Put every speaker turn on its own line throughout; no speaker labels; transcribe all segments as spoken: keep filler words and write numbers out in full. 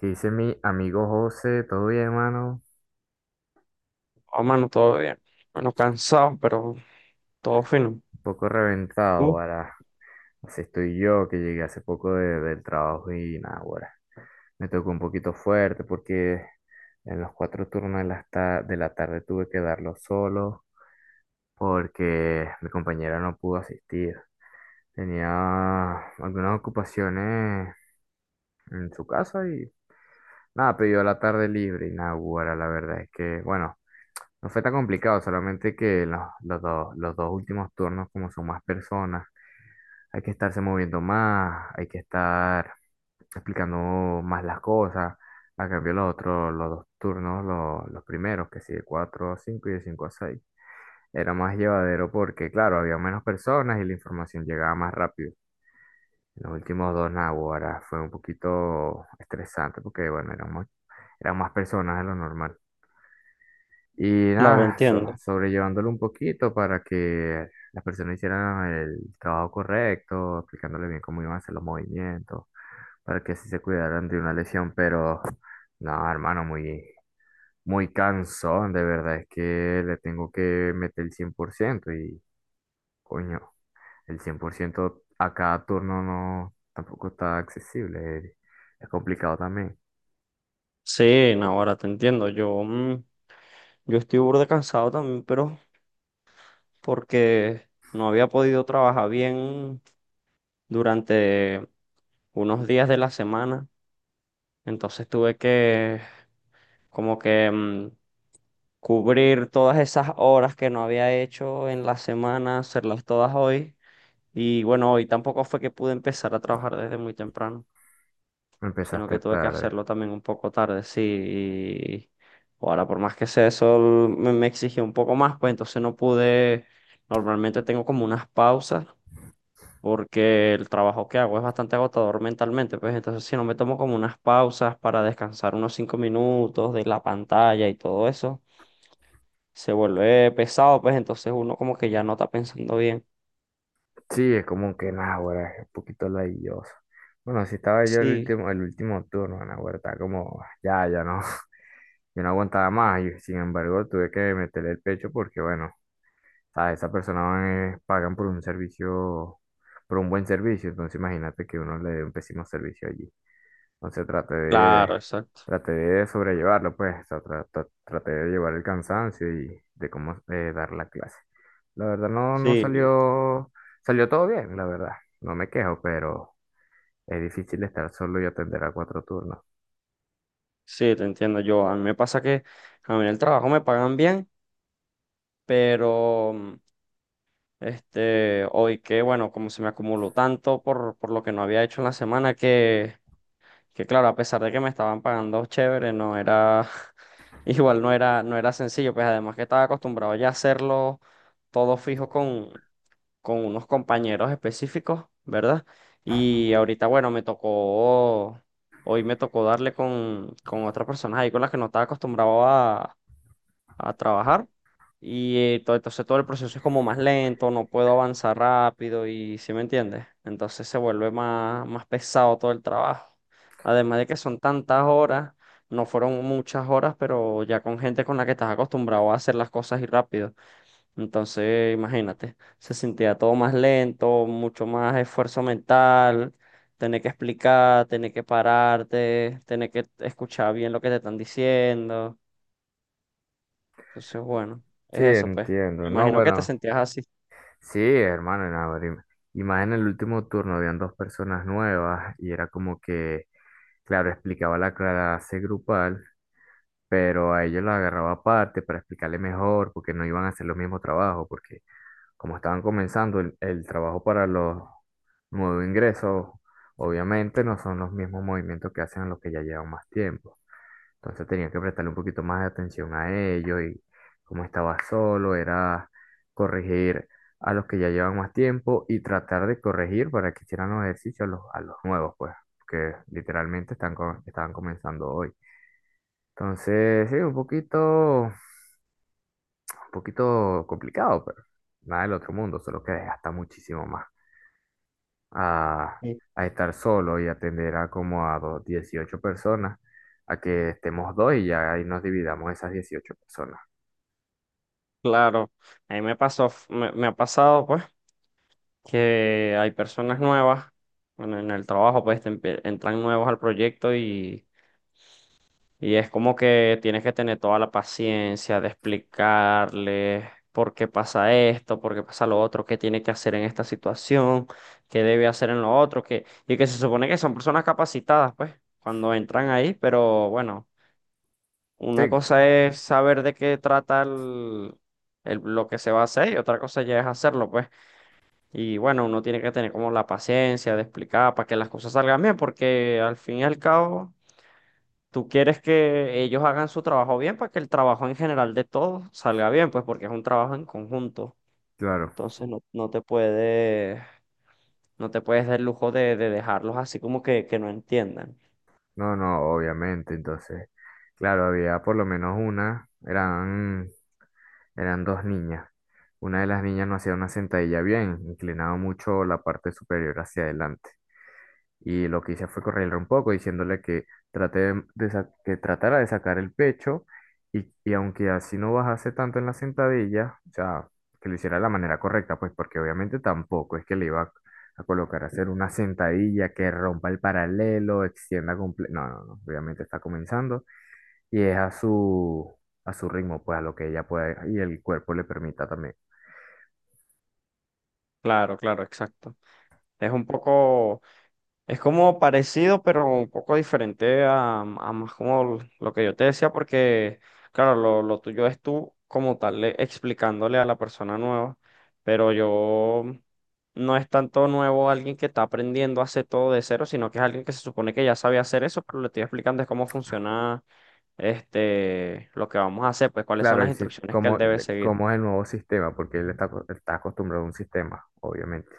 ¿Qué dice mi amigo José? ¿Todo bien, hermano?
Oh, mano, todo bien. Bueno, cansado, pero todo fino.
Un poco reventado,
¿Tú?
ahora. Así estoy yo, que llegué hace poco de- del trabajo y nada, ahora. Me tocó un poquito fuerte porque en los cuatro turnos de la, ta- de la tarde tuve que darlo solo porque mi compañera no pudo asistir. Tenía algunas ocupaciones en su casa y nada, pidió la tarde libre y nada, guara, la verdad es que, bueno, no fue tan complicado, solamente que los, los dos, los dos últimos turnos, como son más personas, hay que estarse moviendo más, hay que estar explicando más las cosas. A cambio, los otros, los dos turnos, los, los primeros, que sí, de cuatro a cinco y de cinco a seis era más llevadero porque, claro, había menos personas y la información llegaba más rápido. Los últimos dos naguará fue un poquito estresante porque, bueno, eran más, eran más personas de lo normal. Y
Claro,
nada, so-
entiendo.
sobrellevándolo un poquito para que las personas hicieran el trabajo correcto, explicándole bien cómo iban a hacer los movimientos, para que así se cuidaran de una lesión, pero no, hermano, muy, muy cansón, de verdad, es que le tengo que meter el cien por ciento y, coño, el cien por ciento a cada turno no, tampoco está accesible, es, es complicado también.
Sí, no, ahora te entiendo. Yo, mm, yo estoy burda cansado también, pero porque no había podido trabajar bien durante unos días de la semana. Entonces tuve que como que mm, cubrir todas esas horas que no había hecho en la semana, hacerlas todas hoy. Y bueno, hoy tampoco fue que pude empezar a trabajar desde muy temprano, sino
Empezaste
que tuve que
tarde.
hacerlo también un poco tarde, sí. Y ahora, por más que sea eso, me, me exigió un poco más, pues entonces no pude. Normalmente tengo como unas pausas, porque el trabajo que hago es bastante agotador mentalmente, pues entonces si no me tomo como unas pausas para descansar unos cinco minutos de la pantalla y todo eso, se vuelve pesado, pues entonces uno como que ya no está pensando bien.
Sí, es como que, nada, ahora es un poquito ladilloso. Bueno, si estaba yo el
Sí,
último, el último turno, Nahuatl, estaba como, ya, ya no, yo no aguantaba más, y sin embargo tuve que meterle el pecho porque, bueno, sea, esa persona eh, pagan por un servicio, por un buen servicio, entonces imagínate que uno le dé un pésimo servicio allí. Entonces traté
claro,
de,
exacto.
traté de sobrellevarlo, pues, o sea, tra- tra- traté de llevar el cansancio y de cómo eh, dar la clase. La verdad no, no
Sí, yo-
salió, salió todo bien, la verdad. No me quejo, pero es difícil estar solo y atender a cuatro turnos.
sí, te entiendo yo. A mí me pasa que a mí en el trabajo me pagan bien, pero mm, este, hoy que, bueno, como se me acumuló tanto por, por lo que no había hecho en la semana, que, que claro, a pesar de que me estaban pagando chévere, no era, igual no era, no era sencillo, pues además que estaba acostumbrado ya a hacerlo todo fijo con, con unos compañeros específicos, ¿verdad? Y ahorita, bueno, me tocó, hoy me tocó darle con, con otras personas ahí con las que no estaba acostumbrado a a trabajar. Y eh, to- entonces todo el proceso es como más lento, no puedo avanzar rápido ¿y si me entiendes? Entonces se vuelve más, más pesado todo el trabajo. Además de que son tantas horas, no fueron muchas horas, pero ya con gente con la que estás acostumbrado a hacer las cosas y rápido. Entonces, imagínate, se sentía todo más lento, mucho más esfuerzo mental, tener que explicar, tener que pararte, tener que escuchar bien lo que te están diciendo. Entonces, bueno,
Sí,
es eso, pues.
entiendo. No,
Imagino que te
bueno.
sentías así.
Sí, hermano, y nada, y más en el último turno habían dos personas nuevas y era como que, claro, explicaba la clase grupal, pero a ellos la agarraba aparte para explicarle mejor, porque no iban a hacer los mismos trabajos, porque como estaban comenzando el, el trabajo para los nuevos ingresos, obviamente no son los mismos movimientos que hacen los que ya llevan más tiempo. Entonces tenía que prestarle un poquito más de atención a ellos y como estaba solo, era corregir a los que ya llevan más tiempo y tratar de corregir para que hicieran los ejercicios a los, a los nuevos, pues, que literalmente están, co- estaban comenzando hoy. Entonces, sí, un poquito, un poquito complicado, pero nada del otro mundo, solo que desgasta muchísimo más a,
Sí.
a estar solo y atender a como a do- dieciocho personas, a que estemos dos y ya ahí nos dividamos esas dieciocho personas.
Claro, a mí me pasó, f- me, me ha pasado, pues, que hay personas nuevas, bueno, en el trabajo, pues, te empie- entran nuevos al proyecto y, y es como que tienes que tener toda la paciencia de explicarles por qué pasa esto, por qué pasa lo otro, qué tiene que hacer en esta situación, qué debe hacer en lo otro, que, y que se supone que son personas capacitadas, pues, cuando entran ahí, pero bueno.
Sí,
Una cosa es saber de qué trata el, el- lo que se va a hacer y otra cosa ya es hacerlo, pues. Y bueno, uno tiene que tener como la paciencia de explicar para que las cosas salgan bien, porque al fin y al cabo tú quieres que ellos hagan su trabajo bien para que el trabajo en general de todos salga bien, pues porque es un trabajo en conjunto.
claro.
Entonces no, no te puedes, no te puedes dar el lujo de, de dejarlos así como que, que no entiendan.
No, no, obviamente. Entonces, claro, había por lo menos una, eran, eran dos niñas. Una de las niñas no hacía una sentadilla bien, inclinaba mucho la parte superior hacia adelante. Y lo que hice fue correrle un poco, diciéndole que, trate de- de sa- que tratara de sacar el pecho y, y aunque así no bajase tanto en la sentadilla, o sea, que lo hiciera de la manera correcta, pues porque obviamente tampoco es que le iba a colocar a hacer una sentadilla que rompa el paralelo, extienda completo. No, no, no, obviamente está comenzando y es a su, a su ritmo, pues a lo que ella pueda y el cuerpo le permita también.
Claro, claro, exacto. Es un poco... Es como parecido, pero un poco diferente a, a más como lo que yo te decía, porque, claro, lo, lo tuyo es tú como tal, le- explicándole a la persona nueva, pero yo mm, no es tanto nuevo alguien que está aprendiendo a hacer todo de cero, sino que es alguien que se supone que ya sabe hacer eso, pero le estoy explicando es cómo funciona este, lo que vamos a hacer, pues cuáles son
Claro,
las
el, sis-
instrucciones que él
como,
debe
de-
seguir.
como es el nuevo sistema, porque él está, aco- está acostumbrado a un sistema, obviamente.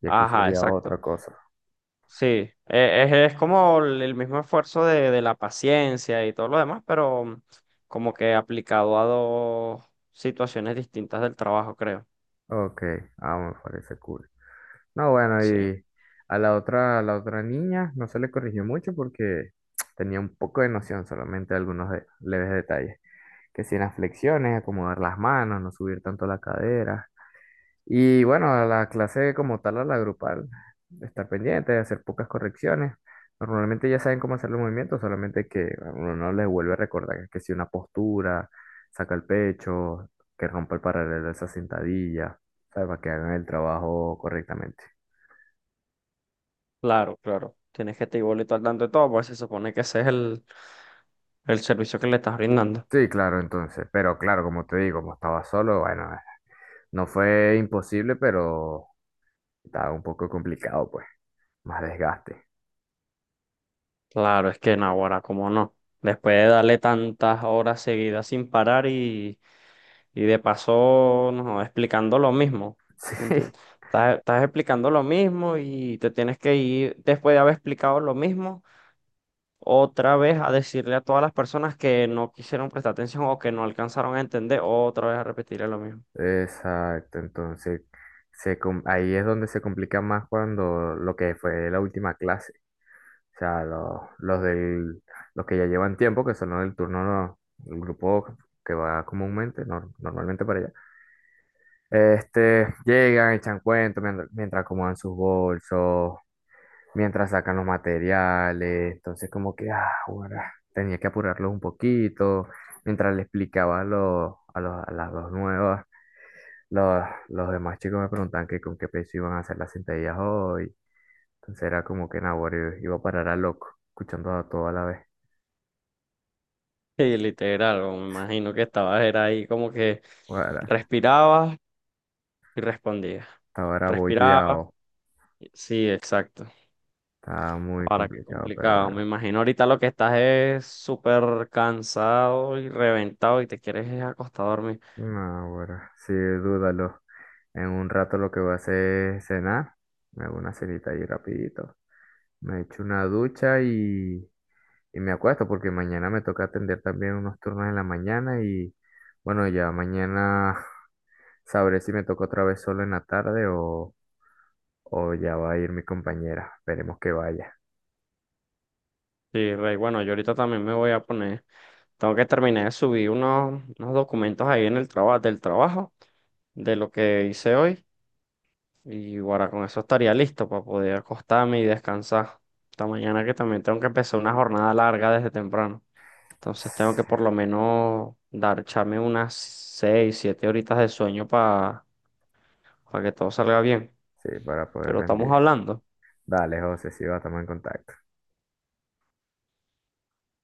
Y aquí
Ajá,
sería
exacto.
otra cosa.
Sí, e- es, es como el el mismo esfuerzo de, de la paciencia y todo lo demás, pero como que aplicado a dos situaciones distintas del trabajo, creo.
Ok, ah, me parece cool. No, bueno,
Sí,
y a la otra, a la otra niña no se le corrigió mucho porque tenía un poco de noción, solamente algunos de- leves detalles. Que si en las flexiones, acomodar las manos, no subir tanto la cadera. Y bueno, a la clase como tal, a la grupal, estar pendiente, hacer pocas correcciones. Normalmente ya saben cómo hacer los movimientos, solamente que a uno no les vuelve a recordar que si una postura, saca el pecho, que rompa el paralelo de esa sentadilla, ¿sabes? Para que hagan el trabajo correctamente.
claro, claro. Tienes que estar igualito al tanto de todo, pues se supone que ese es el, el servicio que le estás brindando.
Sí, claro, entonces, pero claro, como te digo, como estaba solo, bueno, eh, no fue imposible, pero estaba un poco complicado, pues, más desgaste.
Claro, es que en ahora, cómo no. Después de darle tantas horas seguidas sin parar. Y de paso, no, explicando lo mismo. ¿Entiendes?
Sí,
Estás, estás explicando lo mismo y te tienes que ir, después de haber explicado lo mismo, otra vez a decirle a todas las personas que no quisieron prestar atención o que no alcanzaron a entender, otra vez a repetirle lo mismo.
exacto, entonces se, com- ahí es donde se complica más cuando lo que fue la última clase, o sea, los, los del, los que ya llevan tiempo, que son los del turno, no- el grupo que va comúnmente, nor- normalmente para allá, este, llegan, echan cuentos mientras, mientras acomodan sus bolsos mientras sacan los materiales. Entonces, como que, ah, ahora tenía que apurarlos un poquito. Mientras le explicaba a los, a los, a las dos nuevas, los, los demás chicos me preguntaban que con qué peso iban a hacer las sentadillas hoy. Entonces era como que, nah, ahora iba a parar a loco, escuchando a todo a la vez.
Y literal, o me imagino que estabas era ahí como que
Ahora,
respirabas y respondías.
estaba era
Respirabas.
bollado,
Sí, exacto.
estaba muy
Ahora qué
complicado, pero
complicado. Me
bueno.
imagino ahorita lo que estás es súper cansado y reventado y te quieres es acostar a dormir.
No, bueno, sí, dúdalo. En un rato lo que voy a hacer es cenar. Me hago una cenita ahí rapidito. Me echo una ducha y, y me acuesto porque mañana me toca atender también unos turnos en la mañana y bueno, ya mañana sabré si me toca otra vez solo en la tarde o, o ya va a ir mi compañera. Esperemos que vaya.
Sí, Rey, bueno, yo ahorita también me voy a poner. Tengo que terminar de subir unos, unos documentos ahí en el trabajo, del trabajo, de lo que hice hoy. Y ahora con eso estaría listo para poder acostarme y descansar. Esta mañana que también tengo que empezar una jornada larga desde temprano. Entonces tengo que por lo menos dar, echarme unas seis, siete horitas de sueño para que todo salga bien.
Sí, para poder
Pero estamos
rendir.
hablando.
Dale, José, sí, va, estamos en contacto.